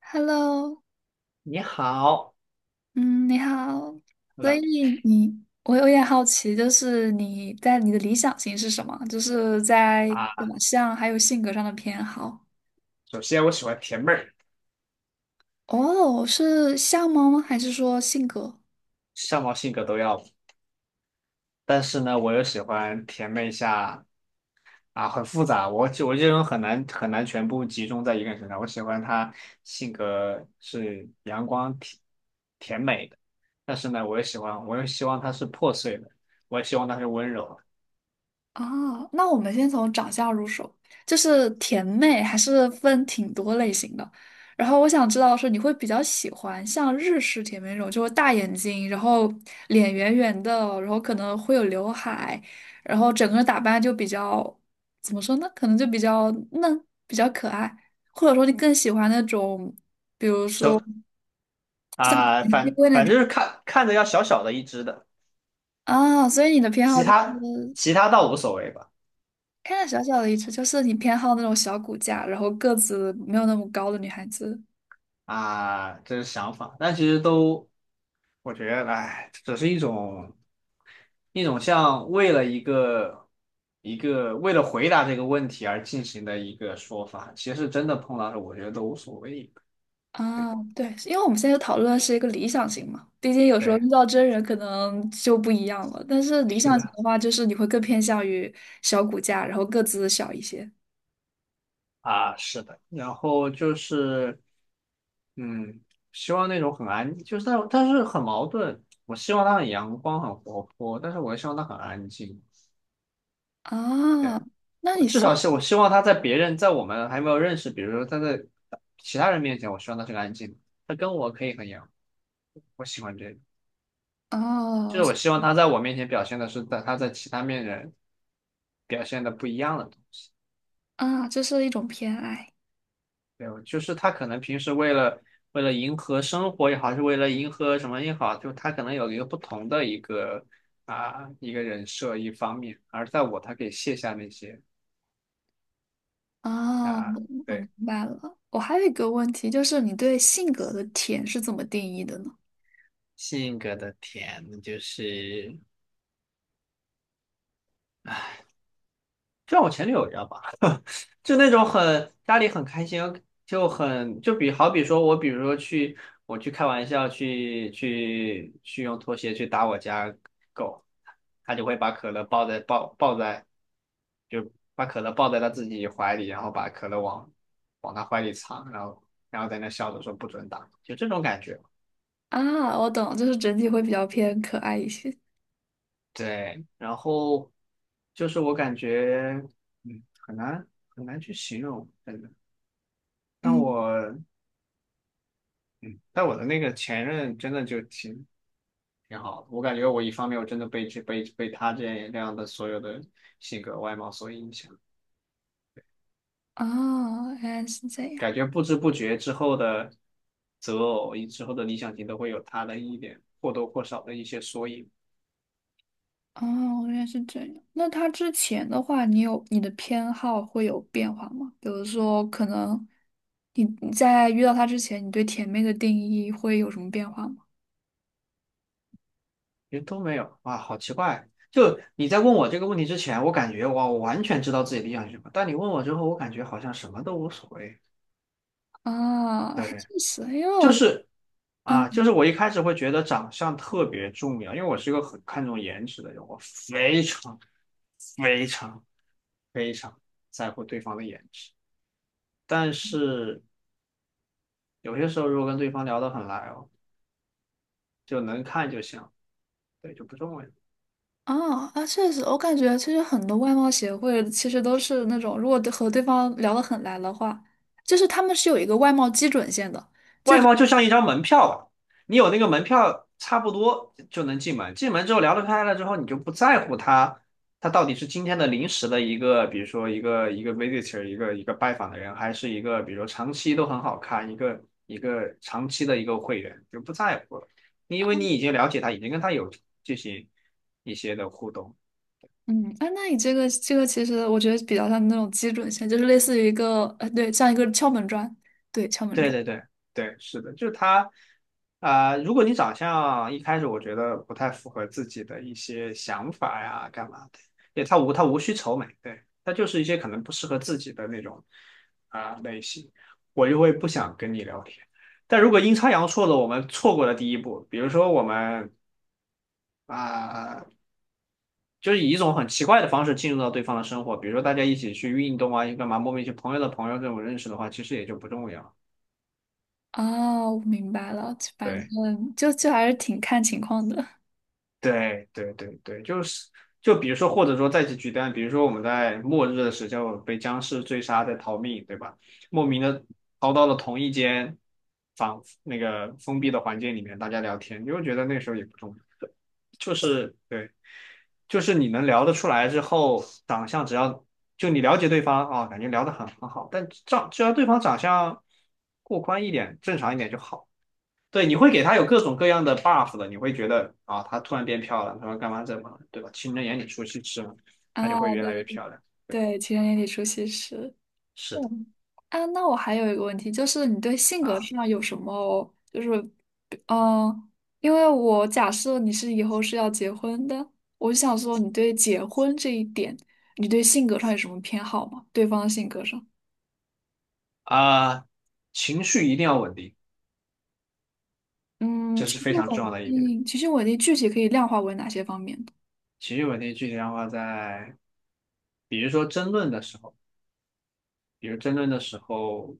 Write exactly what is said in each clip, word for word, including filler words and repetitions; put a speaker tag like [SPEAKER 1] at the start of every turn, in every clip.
[SPEAKER 1] Hello，
[SPEAKER 2] 你好
[SPEAKER 1] 嗯，你好。所以
[SPEAKER 2] 冷
[SPEAKER 1] 你，我有点好奇，就是你在你的理想型是什么？就是在
[SPEAKER 2] 啊，
[SPEAKER 1] 长相还有性格上的偏好。
[SPEAKER 2] 首先我喜欢甜妹儿，
[SPEAKER 1] 哦，是相貌吗？还是说性格？
[SPEAKER 2] 相貌性格都要，但是呢，我又喜欢甜妹下啊，很复杂，我就我这种很难很难全部集中在一个人身上，我喜欢她性格是阳光甜甜美的，但是呢，我也喜欢，我又希望她是破碎的，我也希望她是温柔的，
[SPEAKER 1] 啊，那我们先从长相入手，就是甜妹还是分挺多类型的。然后我想知道是你会比较喜欢像日式甜妹那种，就是大眼睛，然后脸圆圆的，然后可能会有刘海，然后整个人打扮就比较，怎么说呢？可能就比较嫩，比较可爱，或者说你更喜欢那种，比如
[SPEAKER 2] 就
[SPEAKER 1] 说
[SPEAKER 2] 啊，
[SPEAKER 1] 熠熠
[SPEAKER 2] 反
[SPEAKER 1] 龟那
[SPEAKER 2] 反
[SPEAKER 1] 种。
[SPEAKER 2] 正就是看看着要小小的一只的，
[SPEAKER 1] 啊。所以你的偏好
[SPEAKER 2] 其
[SPEAKER 1] 就
[SPEAKER 2] 他
[SPEAKER 1] 是
[SPEAKER 2] 其他倒无所谓吧。
[SPEAKER 1] 看着小小的一只，就是你偏好那种小骨架，然后个子没有那么高的女孩子。
[SPEAKER 2] 啊，这是想法，但其实都我觉得，哎，只是一种一种像为了一个一个为了回答这个问题而进行的一个说法，其实真的碰到了，我觉得都无所谓。对
[SPEAKER 1] 啊。对，因为我们现在讨论的是一个理想型嘛，毕竟有时候
[SPEAKER 2] 对，
[SPEAKER 1] 遇到真人可能就不一样了。但是理
[SPEAKER 2] 是
[SPEAKER 1] 想型
[SPEAKER 2] 的
[SPEAKER 1] 的话，就是你会更偏向于小骨架，然后个子小一些。
[SPEAKER 2] 啊，是的。然后就是，嗯，希望那种很安，就是但但是很矛盾。我希望他很阳光、很活泼，但是我也希望他很安静。对。
[SPEAKER 1] 啊。那你
[SPEAKER 2] 至
[SPEAKER 1] 是
[SPEAKER 2] 少是我希望他在别人在我们还没有认识，比如说他在其他人面前，我希望他是个安静的，他跟我可以很阳光，我喜欢这个，就
[SPEAKER 1] 哦，
[SPEAKER 2] 是我希望他在我面前表现的是在他在其他面人表现的不一样的东西，
[SPEAKER 1] 啊，这是一种偏爱。
[SPEAKER 2] 对，就是他可能平时为了为了迎合生活也好，还是为了迎合什么也好，就他可能有一个不同的一个啊一个人设一方面，而在我他可以卸下那些
[SPEAKER 1] 啊，
[SPEAKER 2] 啊
[SPEAKER 1] 我明
[SPEAKER 2] 对
[SPEAKER 1] 白了，我还有一个问题，就是你对性格的甜是怎么定义的呢？
[SPEAKER 2] 性格的甜就是。就像我前女友一样吧，就那种很家里很开心，就很就比好比说我比如说去我去开玩笑去去去用拖鞋去打我家狗，他就会把可乐抱在抱抱在就把可乐抱在他自己怀里，然后把可乐往往他怀里藏，然后然后在那笑着说不准打，就这种感觉。
[SPEAKER 1] 啊，我懂，就是整体会比较偏可爱一些。
[SPEAKER 2] 对，然后就是我感觉嗯很难很难去形容，真的。但
[SPEAKER 1] 嗯，
[SPEAKER 2] 我嗯，但我的那个前任真的就挺挺好的，我感觉我一方面我真的被这被被他这样这样的所有的性格外貌所影响，
[SPEAKER 1] 哦，原来是这样。
[SPEAKER 2] 感觉不知不觉之后的择偶以之后的理想型都会有他的一点或多或少的一些缩影，
[SPEAKER 1] 哦，原来是这样。那他之前的话，你有你的偏好会有变化吗？比如说，可能你你在遇到他之前，你对甜妹的定义会有什么变化吗？
[SPEAKER 2] 其实都没有，哇，好奇怪！就你在问我这个问题之前，我感觉哇，我完全知道自己理想型什么，但你问我之后，我感觉好像什么都无所谓。
[SPEAKER 1] 啊，还
[SPEAKER 2] 对，
[SPEAKER 1] 确实，因为
[SPEAKER 2] 就
[SPEAKER 1] 我
[SPEAKER 2] 是
[SPEAKER 1] 嗯。
[SPEAKER 2] 啊，就是我一开始会觉得长相特别重要，因为我是一个很看重颜值的人，我非常、非常、非常在乎对方的颜值。但是有些时候，如果跟对方聊得很来哦，就能看就行，对，就不重要。
[SPEAKER 1] 啊啊，确实，我感觉其实很多外貌协会其实都是那种，如果对和对方聊得很来的话，就是他们是有一个外貌基准线的。就。
[SPEAKER 2] 外贸就像一张门票吧，你有那个门票，差不多就能进门。进门之后聊得开了之后，你就不在乎他，他到底是今天的临时的一个，比如说一个一个 visitor,一个一个拜访的人，还是一个比如说长期都很好看，一个一个长期的一个会员，就不在乎了。因为你已经了解他，已经跟他有进行一些的互动，
[SPEAKER 1] 嗯，哎，那你这个这个其实我觉得比较像那种基准线，就是类似于一个呃，对，像一个敲门砖，对，敲门
[SPEAKER 2] 对
[SPEAKER 1] 砖。
[SPEAKER 2] 对对对，是的，就是他，啊、如果你长相一开始我觉得不太符合自己的一些想法呀，干嘛的，对，他无他无需愁眉，对，他就是一些可能不适合自己的那种啊、类型，我就会不想跟你聊天。但如果阴差阳错的我们错过了第一步，比如说我们啊、就是以一种很奇怪的方式进入到对方的生活，比如说大家一起去运动啊，干嘛，莫名其妙朋友的朋友这种认识的话，其实也就不重要，
[SPEAKER 1] 哦，我明白了，反
[SPEAKER 2] 对。
[SPEAKER 1] 正就就还是挺看情况的。
[SPEAKER 2] 对对对对，就是就比如说，或者说再去举单，比如说我们在末日的时候被僵尸追杀在逃命，对吧？莫名的逃到了同一间房那个封闭的环境里面，大家聊天，你会觉得那时候也不重要，就是对，就是你能聊得出来之后，长相只要就你了解对方啊，感觉聊得很很好，但长只要对方长相过关一点，正常一点就好。对，你会给他有各种各样的 buff 的，你会觉得啊，他突然变漂亮，他说干嘛怎么，对吧？情人眼里出西施嘛，他就会
[SPEAKER 1] 啊。
[SPEAKER 2] 越
[SPEAKER 1] 对
[SPEAKER 2] 来越
[SPEAKER 1] 对，
[SPEAKER 2] 漂亮。对，
[SPEAKER 1] 对，情人眼里出西施。
[SPEAKER 2] 是的
[SPEAKER 1] 嗯，啊，那我还有一个问题，就是你对性格
[SPEAKER 2] 啊
[SPEAKER 1] 上有什么，就是嗯，呃因为我假设你是以后是要结婚的，我就想说你对结婚这一点，你对性格上有什么偏好吗？对方的性格上。
[SPEAKER 2] 啊，情绪一定要稳定，
[SPEAKER 1] 嗯，
[SPEAKER 2] 这
[SPEAKER 1] 情
[SPEAKER 2] 是非
[SPEAKER 1] 绪
[SPEAKER 2] 常重要
[SPEAKER 1] 稳
[SPEAKER 2] 的一点。
[SPEAKER 1] 定，情绪稳定具体可以量化为哪些方面的？
[SPEAKER 2] 情绪稳定具体的话在，比如说争论的时候，比如争论的时候，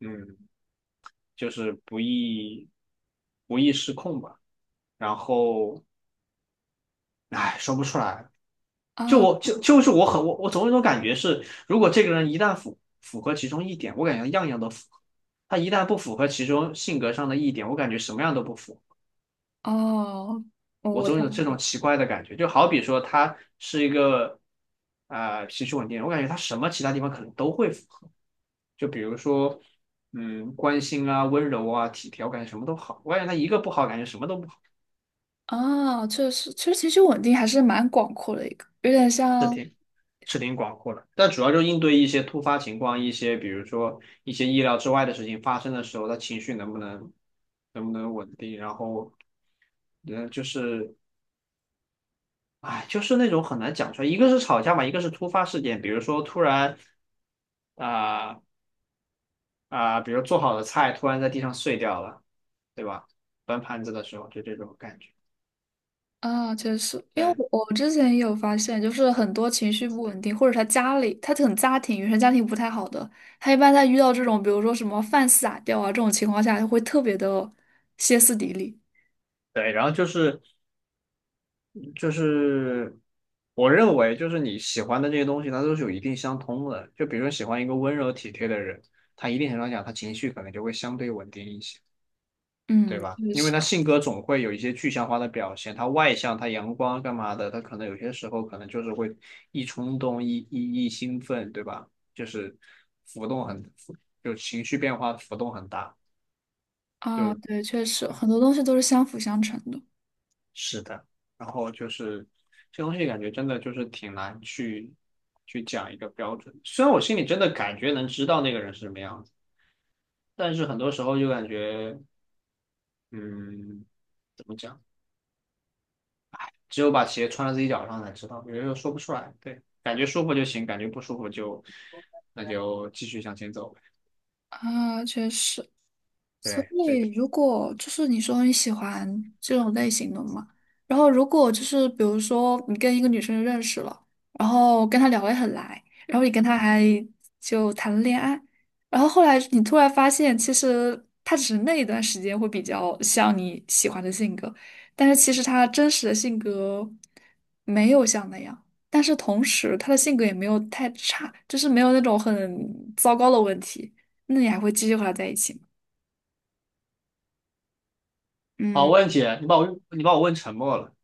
[SPEAKER 2] 嗯，就是不易不易失控吧。然后，唉，说不出来，就
[SPEAKER 1] 啊？
[SPEAKER 2] 我就就是我很我我总有一种感觉是，如果这个人一旦符符合其中一点，我感觉样样都符合；他一旦不符合其中性格上的一点，我感觉什么样都不符。
[SPEAKER 1] 哦，
[SPEAKER 2] 我
[SPEAKER 1] 我的。
[SPEAKER 2] 总有这种奇怪的感觉，就好比说他是一个啊、呃脾气稳定，我感觉他什么其他地方可能都会符合，就比如说嗯关心啊、温柔啊、体贴，我感觉什么都好；我感觉他一个不好，感觉什么都不好，
[SPEAKER 1] 啊，确实，其实情绪稳定还是蛮广阔的一个，有点
[SPEAKER 2] 是
[SPEAKER 1] 像。
[SPEAKER 2] 挺是挺广阔的，但主要就应对一些突发情况，一些比如说一些意料之外的事情发生的时候，他情绪能不能能不能稳定，然后，嗯，就是，哎，就是那种很难讲出来，一个是吵架嘛，一个是突发事件，比如说突然啊啊、比如做好的菜突然在地上碎掉了，对吧？端盘子的时候就这种感觉，
[SPEAKER 1] 啊，确实，因为
[SPEAKER 2] 对
[SPEAKER 1] 我我之前也有发现，就是很多情绪不稳定，或者他家里他很家庭原生家庭不太好的，他一般在遇到这种比如说什么饭撒掉啊这种情况下，他会特别的歇斯底里。
[SPEAKER 2] 对，然后就是就是我认为，就是你喜欢的这些东西，它都是有一定相通的。就比如说喜欢一个温柔体贴的人，他一定程度上讲，他情绪可能就会相对稳定一些，对
[SPEAKER 1] 嗯，
[SPEAKER 2] 吧？
[SPEAKER 1] 确
[SPEAKER 2] 因为
[SPEAKER 1] 实。
[SPEAKER 2] 他性格总会有一些具象化的表现，他外向，他阳光干嘛的，他可能有些时候可能就是会一冲动、一一一兴奋，对吧？就是浮动很，就情绪变化浮动很大。
[SPEAKER 1] 啊，对，确实很多东西都是相辅相成的。
[SPEAKER 2] 是的，然后就是这东西感觉真的就是挺难去去讲一个标准。虽然我心里真的感觉能知道那个人是什么样子，但是很多时候就感觉，嗯，怎么讲？只有把鞋穿在自己脚上才知道，有的时候说不出来。对，感觉舒服就行，感觉不舒服就那就继续向前走呗。
[SPEAKER 1] 啊，确实，所
[SPEAKER 2] 对，
[SPEAKER 1] 以，
[SPEAKER 2] 这
[SPEAKER 1] 如果就是你说你喜欢这种类型的嘛，然后如果就是比如说你跟一个女生认识了，然后跟她聊得很来，然后你跟她还
[SPEAKER 2] 嗯
[SPEAKER 1] 就谈了恋爱，然后后来你突然发现，其实她只是那一段时间会比较像你喜欢的性格，但是其实她真实的性格没有像那样，但是同时她的性格也没有太差，就是没有那种很糟糕的问题，那你还会继续和她在一起吗？
[SPEAKER 2] 好
[SPEAKER 1] 嗯。
[SPEAKER 2] 问题，你把我你把我问沉默了。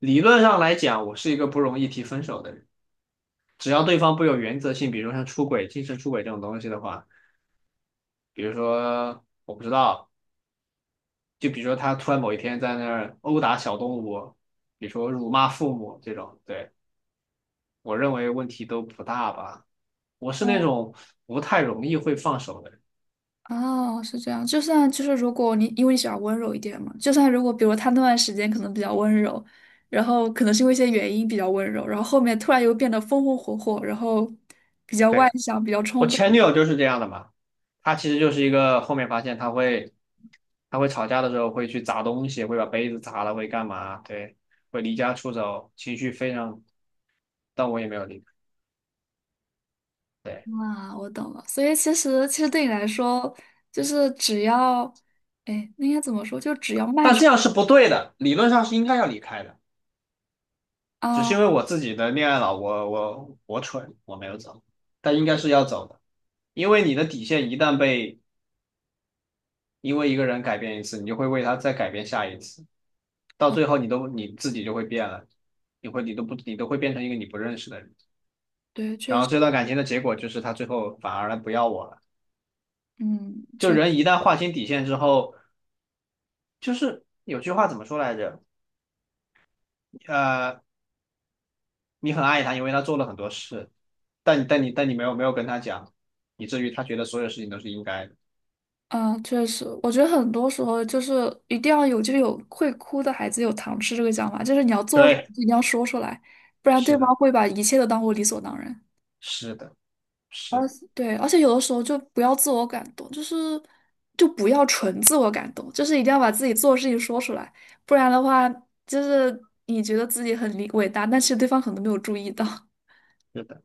[SPEAKER 2] 理论上来讲，我是一个不容易提分手的人。只要对方不有原则性，比如像出轨、精神出轨这种东西的话，比如说我不知道，就比如说他突然某一天在那儿殴打小动物，比如说辱骂父母这种，对，我认为问题都不大吧。我是
[SPEAKER 1] 哦，
[SPEAKER 2] 那种不太容易会放手的人，
[SPEAKER 1] 哦，是这样。就算就是，如果你因为你喜欢温柔一点嘛，就算如果比如他那段时间可能比较温柔，然后可能是因为一些原因比较温柔，然后后面突然又变得风风火火，然后比较外
[SPEAKER 2] 对，
[SPEAKER 1] 向，比较
[SPEAKER 2] 我
[SPEAKER 1] 冲
[SPEAKER 2] 前女
[SPEAKER 1] 动。
[SPEAKER 2] 友就是这样的嘛，她其实就是一个后面发现她会，她会吵架的时候会去砸东西，会把杯子砸了，会干嘛，对，会离家出走，情绪非常，但我也没有离开。对。
[SPEAKER 1] 啊，我懂了。所以其实其实对你来说，就是只要，哎，那应该怎么说？就只要迈
[SPEAKER 2] 但
[SPEAKER 1] 出。
[SPEAKER 2] 这样是不对的，理论上是应该要离开的，只
[SPEAKER 1] 啊，
[SPEAKER 2] 是因为我自己的恋爱脑，我我我蠢，我没有走，但应该是要走的，因为你的底线一旦被因为一个人改变一次，你就会为他再改变下一次，到最后你都你自己就会变了，你会你都不你都会变成一个你不认识的人，
[SPEAKER 1] 对，确
[SPEAKER 2] 然
[SPEAKER 1] 实，
[SPEAKER 2] 后这段感情的结果就是他最后反而不要我了，
[SPEAKER 1] 嗯，
[SPEAKER 2] 就
[SPEAKER 1] 确。
[SPEAKER 2] 人一旦划清底线之后，就是有句话怎么说来着？呃。你很爱他，因为他做了很多事，但但你但你没有没有跟他讲，以至于他觉得所有事情都是应该的。
[SPEAKER 1] 嗯，确实，我觉得很多时候就是一定要有，就是有会哭的孩子有糖吃这个讲法，就是你要做，
[SPEAKER 2] 对，
[SPEAKER 1] 你要说出来，不然对
[SPEAKER 2] 是的，
[SPEAKER 1] 方会把一切都当做理所当然。
[SPEAKER 2] 是的，是
[SPEAKER 1] 而
[SPEAKER 2] 的，
[SPEAKER 1] 对，而且有的时候就不要自我感动，就是就不要纯自我感动，就是一定要把自己做的事情说出来，不然的话，就是你觉得自己很理伟大，但是对方可能没有注意到。
[SPEAKER 2] 是的，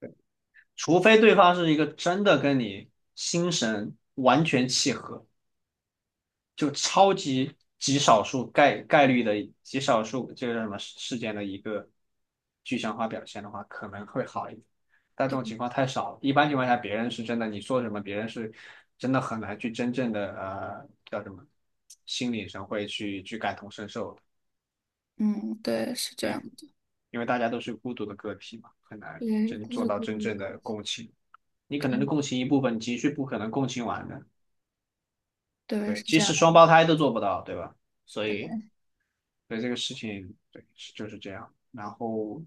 [SPEAKER 2] 对，除非对方是一个真的跟你心神完全契合，就超级极少数概概率的极少数这个叫什么事事件的一个具象化表现的话，可能会好一点。但这
[SPEAKER 1] 对，
[SPEAKER 2] 种情况太少了，一般情况下，别人是真的，你说什么，别人是真的很难去真正的呃叫什么心理上会去去感同身受的，
[SPEAKER 1] 嗯，对，是这
[SPEAKER 2] 对，
[SPEAKER 1] 样的，
[SPEAKER 2] 因为大家都是孤独的个体嘛，很难
[SPEAKER 1] 对，
[SPEAKER 2] 真
[SPEAKER 1] 都
[SPEAKER 2] 做
[SPEAKER 1] 是
[SPEAKER 2] 到
[SPEAKER 1] 孤
[SPEAKER 2] 真
[SPEAKER 1] 独的
[SPEAKER 2] 正
[SPEAKER 1] 个
[SPEAKER 2] 的
[SPEAKER 1] 体。
[SPEAKER 2] 共情。你可能共情一部分，你情绪不可能共情完的，
[SPEAKER 1] 对，是
[SPEAKER 2] 对，即
[SPEAKER 1] 这
[SPEAKER 2] 使
[SPEAKER 1] 样。
[SPEAKER 2] 双胞胎都做不到，对吧？所以。对这个事情，对，是就是这样。然后，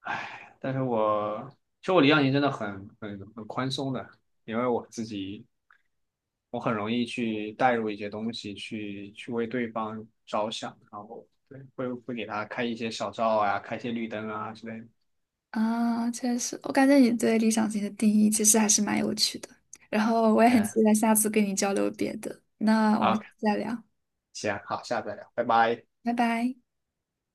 [SPEAKER 2] 唉，但是我其实我离岸型真的很很很宽松的，因为我自己我很容易去带入一些东西，去去为对方着想，然后对会会给他开一些小灶啊，开一些绿灯啊之类的。
[SPEAKER 1] 啊，确实，我感觉你对理想型的定义其实还是蛮有趣的。然后我也很
[SPEAKER 2] Yeah,
[SPEAKER 1] 期待下次跟你交流别的。那我们
[SPEAKER 2] 好，
[SPEAKER 1] 下次再聊，
[SPEAKER 2] 行，好，下次再聊，拜拜。
[SPEAKER 1] 拜拜。